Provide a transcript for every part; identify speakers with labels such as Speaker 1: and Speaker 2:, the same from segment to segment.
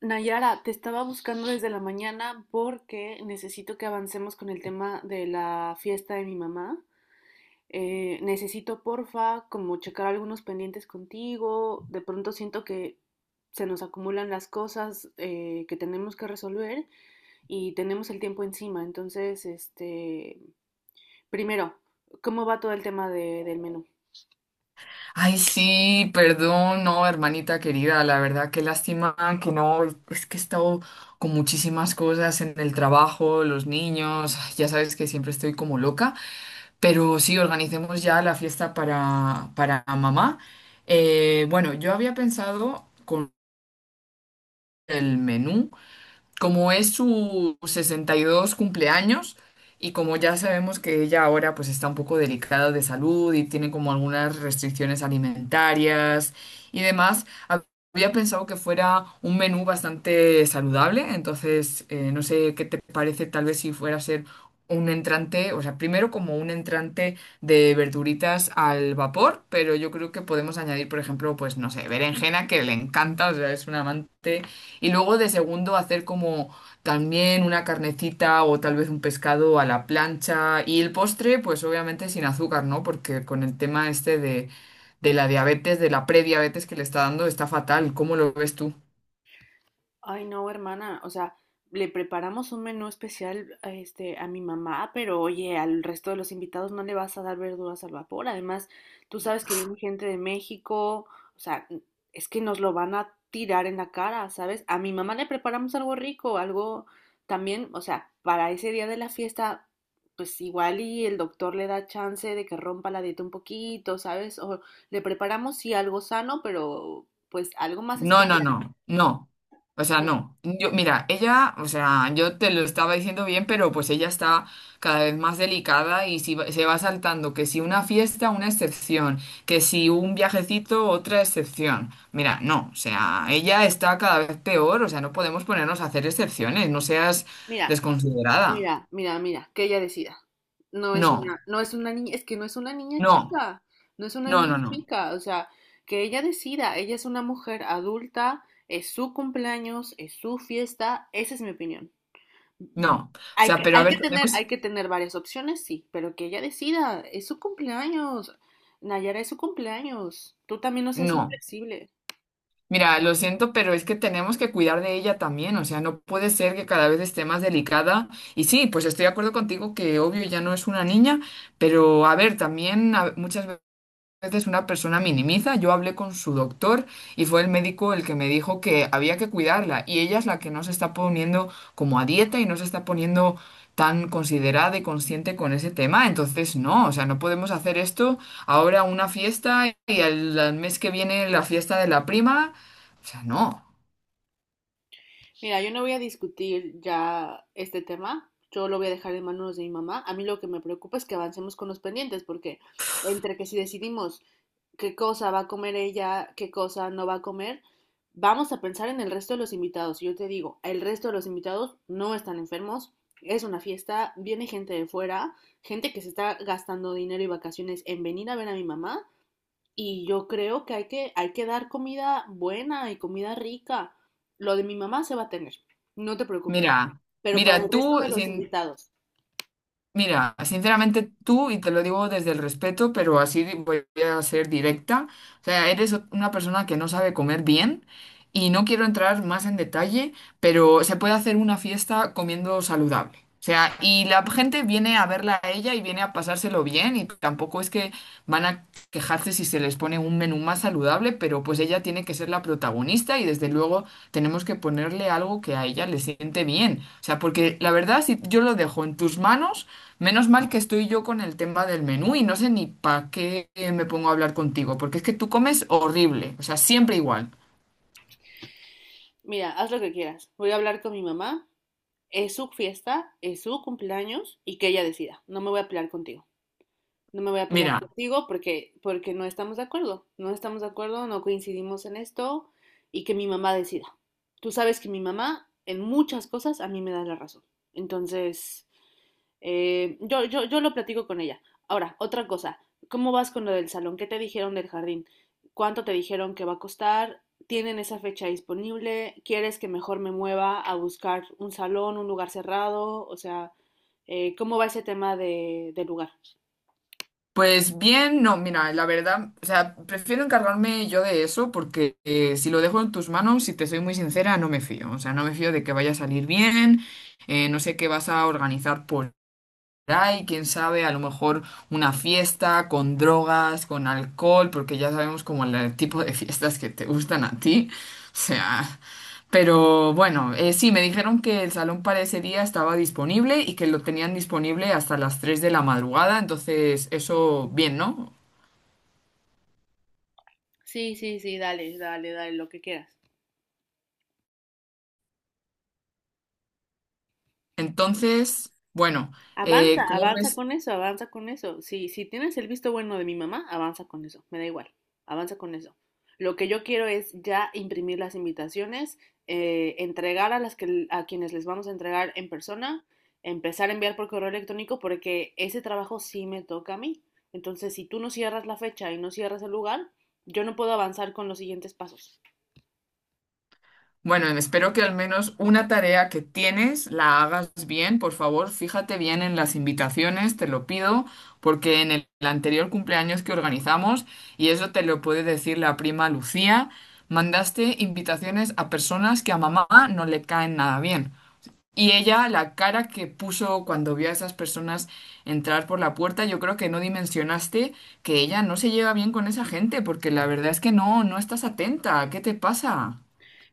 Speaker 1: Nayara, te estaba buscando desde la mañana porque necesito que avancemos con el tema de la fiesta de mi mamá. Necesito, porfa, como checar algunos pendientes contigo. De pronto siento que se nos acumulan las cosas, que tenemos que resolver y tenemos el tiempo encima. Entonces, este, primero, ¿cómo va todo el tema del menú?
Speaker 2: Ay, sí, perdón, no, hermanita querida, la verdad, qué lástima que no, es que he estado con muchísimas cosas en el trabajo, los niños, ay, ya sabes que siempre estoy como loca, pero sí, organicemos ya la fiesta para mamá. Bueno, yo había pensado con el menú como es su 62 cumpleaños y como ya sabemos que ella ahora pues está un poco delicada de salud y tiene como algunas restricciones alimentarias y demás, había pensado que fuera un menú bastante saludable. Entonces, no sé qué te parece, tal vez si fuera a ser un entrante, o sea, primero como un entrante de verduritas al vapor, pero yo creo que podemos añadir, por ejemplo, pues no sé, berenjena que le encanta, o sea, es un amante, y luego de segundo hacer como también una carnecita o tal vez un pescado a la plancha. Y el postre, pues obviamente sin azúcar, ¿no? Porque con el tema este de la diabetes, de la prediabetes que le está dando, está fatal. ¿Cómo lo ves tú?
Speaker 1: Ay, no, hermana, o sea, le preparamos un menú especial a, este, a mi mamá, pero oye, al resto de los invitados no le vas a dar verduras al vapor. Además, tú sabes que viene gente de México, o sea, es que nos lo van a tirar en la cara, ¿sabes? A mi mamá le preparamos algo rico, algo también, o sea, para ese día de la fiesta, pues igual y el doctor le da chance de que rompa la dieta un poquito, ¿sabes? O le preparamos sí algo sano, pero pues algo más
Speaker 2: No, no,
Speaker 1: especial.
Speaker 2: no, no. O sea,
Speaker 1: No,
Speaker 2: no. Yo, mira, ella, o sea, yo te lo estaba diciendo bien, pero pues ella está cada vez más delicada y si se va saltando que si una fiesta, una excepción, que si un viajecito, otra excepción. Mira, no, o sea, ella está cada vez peor, o sea, no podemos ponernos a hacer excepciones, no seas
Speaker 1: Mira.
Speaker 2: desconsiderada.
Speaker 1: Mira, mira, mira, que ella decida. No es
Speaker 2: No,
Speaker 1: una, no es una niña, es que no es una niña
Speaker 2: no,
Speaker 1: chica, no es una
Speaker 2: no, no,
Speaker 1: niña
Speaker 2: no,
Speaker 1: chica, o sea, que ella decida, ella es una mujer adulta, es su cumpleaños, es su fiesta, esa es mi opinión.
Speaker 2: no. O sea, pero a ver, tenemos...
Speaker 1: Hay que tener varias opciones, sí, pero que ella decida, es su cumpleaños, Nayara, es su cumpleaños, tú también no seas
Speaker 2: No.
Speaker 1: inflexible.
Speaker 2: Mira, lo siento, pero es que tenemos que cuidar de ella también, o sea, no puede ser que cada vez esté más delicada. Y sí, pues estoy de acuerdo contigo que obvio ya no es una niña, pero a ver, también muchas veces una persona minimiza. Yo hablé con su doctor y fue el médico el que me dijo que había que cuidarla, y ella es la que no se está poniendo como a dieta y no se está poniendo tan considerada y consciente con ese tema. Entonces, no, o sea, no podemos hacer esto ahora, una fiesta, y al mes que viene la fiesta de la prima. O sea, no.
Speaker 1: Mira, yo no voy a discutir ya este tema, yo lo voy a dejar en manos de mi mamá. A mí lo que me preocupa es que avancemos con los pendientes, porque entre que si decidimos qué cosa va a comer ella, qué cosa no va a comer, vamos a pensar en el resto de los invitados. Y yo te digo, el resto de los invitados no están enfermos, es una fiesta, viene gente de fuera, gente que se está gastando dinero y vacaciones en venir a ver a mi mamá y yo creo que hay que, hay que dar comida buena y comida rica. Lo de mi mamá se va a tener, no te preocupes.
Speaker 2: Mira,
Speaker 1: Pero para
Speaker 2: mira,
Speaker 1: el resto
Speaker 2: tú,
Speaker 1: de los invitados,
Speaker 2: Sinceramente tú, y te lo digo desde el respeto, pero así voy a ser directa, o sea, eres una persona que no sabe comer bien y no quiero entrar más en detalle, pero se puede hacer una fiesta comiendo saludable. O sea, y la gente viene a verla a ella y viene a pasárselo bien, y tampoco es que van a quejarse si se les pone un menú más saludable, pero pues ella tiene que ser la protagonista y desde luego tenemos que ponerle algo que a ella le siente bien. O sea, porque la verdad, si yo lo dejo en tus manos, menos mal que estoy yo con el tema del menú. Y no sé ni para qué me pongo a hablar contigo, porque es que tú comes horrible, o sea, siempre igual.
Speaker 1: mira, haz lo que quieras. Voy a hablar con mi mamá, es su fiesta, es su cumpleaños y que ella decida. No me voy a pelear contigo. No me voy a pelear
Speaker 2: Mira,
Speaker 1: contigo porque, porque no estamos de acuerdo. No estamos de acuerdo, no coincidimos en esto y que mi mamá decida. Tú sabes que mi mamá en muchas cosas a mí me da la razón. Entonces... Yo lo platico con ella. Ahora, otra cosa, ¿cómo vas con lo del salón? ¿Qué te dijeron del jardín? ¿Cuánto te dijeron que va a costar? ¿Tienen esa fecha disponible? ¿Quieres que mejor me mueva a buscar un salón, un lugar cerrado? O sea, ¿cómo va ese tema de lugar?
Speaker 2: pues bien, no, mira, la verdad, o sea, prefiero encargarme yo de eso, porque si lo dejo en tus manos, si te soy muy sincera, no me fío, o sea, no me fío de que vaya a salir bien. No sé qué vas a organizar, y quién sabe, a lo mejor una fiesta con drogas, con alcohol, porque ya sabemos como el tipo de fiestas que te gustan a ti. O sea, pero bueno, sí, me dijeron que el salón para ese día estaba disponible y que lo tenían disponible hasta las 3 de la madrugada, entonces eso bien, ¿no?
Speaker 1: Sí, sí, sí, dale, dale, dale, lo que quieras.
Speaker 2: Entonces, bueno,
Speaker 1: Avanza,
Speaker 2: ¿cómo
Speaker 1: avanza
Speaker 2: ves?
Speaker 1: con eso, avanza con eso. Si tienes el visto bueno de mi mamá, avanza con eso, me da igual, avanza con eso. Lo que yo quiero es ya imprimir las invitaciones, entregar a las que a quienes les vamos a entregar en persona, empezar a enviar por correo electrónico porque ese trabajo sí me toca a mí. Entonces, si tú no cierras la fecha y no cierras el lugar, yo no puedo avanzar con los siguientes pasos.
Speaker 2: Bueno, espero que al menos una tarea que tienes la hagas bien. Por favor, fíjate bien en las invitaciones, te lo pido, porque en el anterior cumpleaños que organizamos, y eso te lo puede decir la prima Lucía, mandaste invitaciones a personas que a mamá no le caen nada bien. Y ella, la cara que puso cuando vio a esas personas entrar por la puerta, yo creo que no dimensionaste que ella no se lleva bien con esa gente, porque la verdad es que no, no estás atenta. ¿Qué te pasa?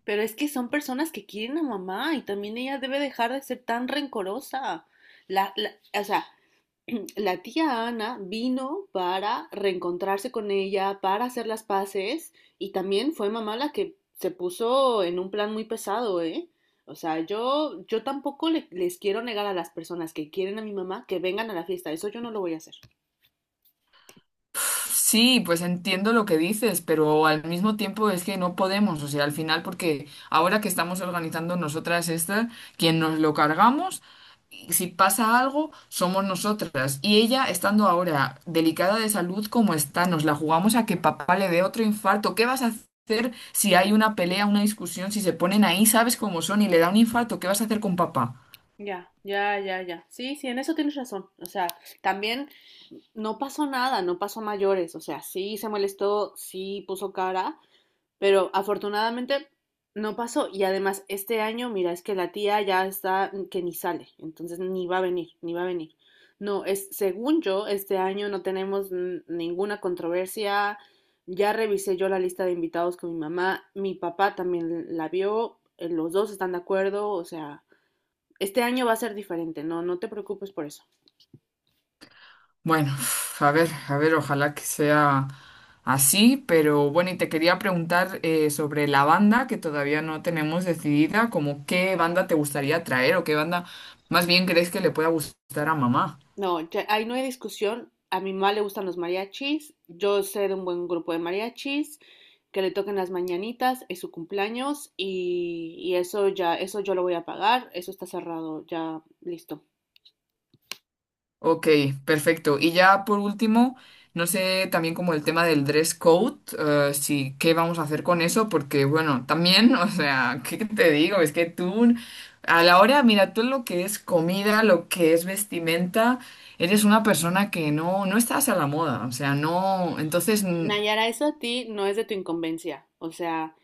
Speaker 1: Pero es que son personas que quieren a mamá y también ella debe dejar de ser tan rencorosa. La, la- o sea, la tía Ana vino para reencontrarse con ella, para hacer las paces, y también fue mamá la que se puso en un plan muy pesado, ¿eh? O sea, yo tampoco les quiero negar a las personas que quieren a mi mamá que vengan a la fiesta, eso yo no lo voy a hacer.
Speaker 2: Sí, pues entiendo lo que dices, pero al mismo tiempo es que no podemos, o sea, al final, porque ahora que estamos organizando nosotras esta, quien nos lo cargamos, y si pasa algo, somos nosotras. Y ella, estando ahora delicada de salud como está, nos la jugamos a que papá le dé otro infarto. ¿Qué vas a hacer si hay una pelea, una discusión, si se ponen ahí, sabes cómo son, y le da un infarto? ¿Qué vas a hacer con papá?
Speaker 1: Ya, ya, ya, ya. Sí, sí, en eso tienes razón. O sea, también no pasó nada, no pasó a mayores, o sea, sí se molestó, sí puso cara, pero afortunadamente no pasó. Y además, este año, mira, es que la tía ya está que ni sale. Entonces ni va a venir, ni va a venir. No, es, según yo, este año no tenemos ninguna controversia. Ya revisé yo la lista de invitados con mi mamá. Mi papá también la vio. Los dos están de acuerdo. O sea, este año va a ser diferente. No, no te preocupes por eso.
Speaker 2: Bueno, a ver, ojalá que sea así, pero bueno, y te quería preguntar sobre la banda que todavía no tenemos decidida, como qué banda te gustaría traer o qué banda más bien crees que le pueda gustar a mamá.
Speaker 1: No, ahí no hay discusión. A mi mamá le gustan los mariachis. Yo sé de un buen grupo de mariachis que le toquen las mañanitas, es su cumpleaños y eso ya, eso yo lo voy a pagar. Eso está cerrado, ya listo.
Speaker 2: Ok, perfecto. Y ya por último, no sé también como el tema del dress code, si qué vamos a hacer con eso, porque bueno, también, o sea, ¿qué te digo? Es que tú, a la hora, mira, tú lo que es comida, lo que es vestimenta, eres una persona que no, no estás a la moda, o sea, no, entonces,
Speaker 1: Nayara, eso a ti no es de tu incumbencia. O sea,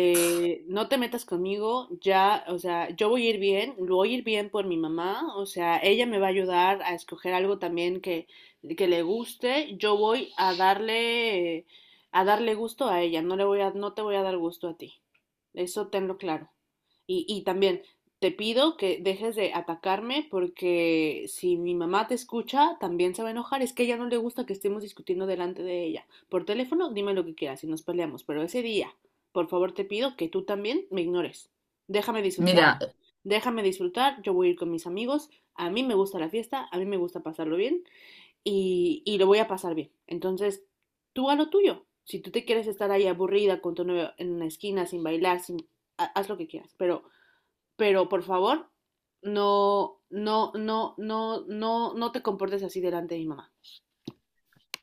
Speaker 1: no te metas conmigo, ya, o sea, yo voy a ir bien, lo voy a ir bien por mi mamá, o sea, ella me va a ayudar a escoger algo también que le guste, yo voy a darle gusto a ella, no te voy a dar gusto a ti, eso tenlo claro. Y también te pido que dejes de atacarme porque si mi mamá te escucha, también se va a enojar, es que a ella no le gusta que estemos discutiendo delante de ella. Por teléfono, dime lo que quieras y nos peleamos, pero ese día por favor, te pido que tú también me ignores. Déjame disfrutar,
Speaker 2: mira.
Speaker 1: déjame disfrutar, yo voy a ir con mis amigos, a mí me gusta la fiesta, a mí me gusta pasarlo bien y lo voy a pasar bien. Entonces, tú a lo tuyo. Si tú te quieres estar ahí aburrida con tu novio en una esquina, sin bailar, sin, haz lo que quieras, pero por favor, no, no, no, no, no, no te comportes así delante de mi mamá.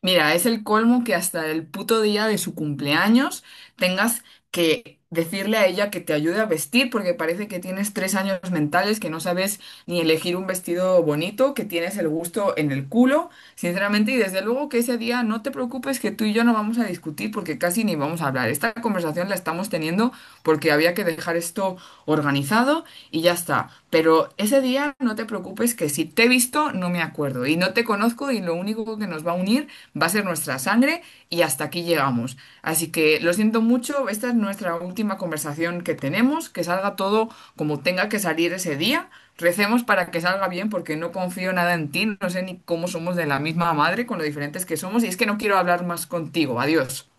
Speaker 2: Mira, es el colmo que hasta el puto día de su cumpleaños tengas que decirle a ella que te ayude a vestir porque parece que tienes tres años mentales, que no sabes ni elegir un vestido bonito, que tienes el gusto en el culo, sinceramente, y desde luego que ese día no te preocupes que tú y yo no vamos a discutir porque casi ni vamos a hablar. Esta conversación la estamos teniendo porque había que dejar esto organizado y ya está. Pero ese día no te preocupes, que si te he visto no me acuerdo y no te conozco, y lo único que nos va a unir va a ser nuestra sangre, y hasta aquí llegamos. Así que lo siento mucho, esta es nuestra última conversación que tenemos, que salga todo como tenga que salir ese día. Recemos para que salga bien porque no confío nada en ti, no sé ni cómo somos de la misma madre con lo diferentes que somos, y es que no quiero hablar más contigo. Adiós.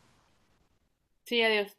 Speaker 1: Sí, adiós.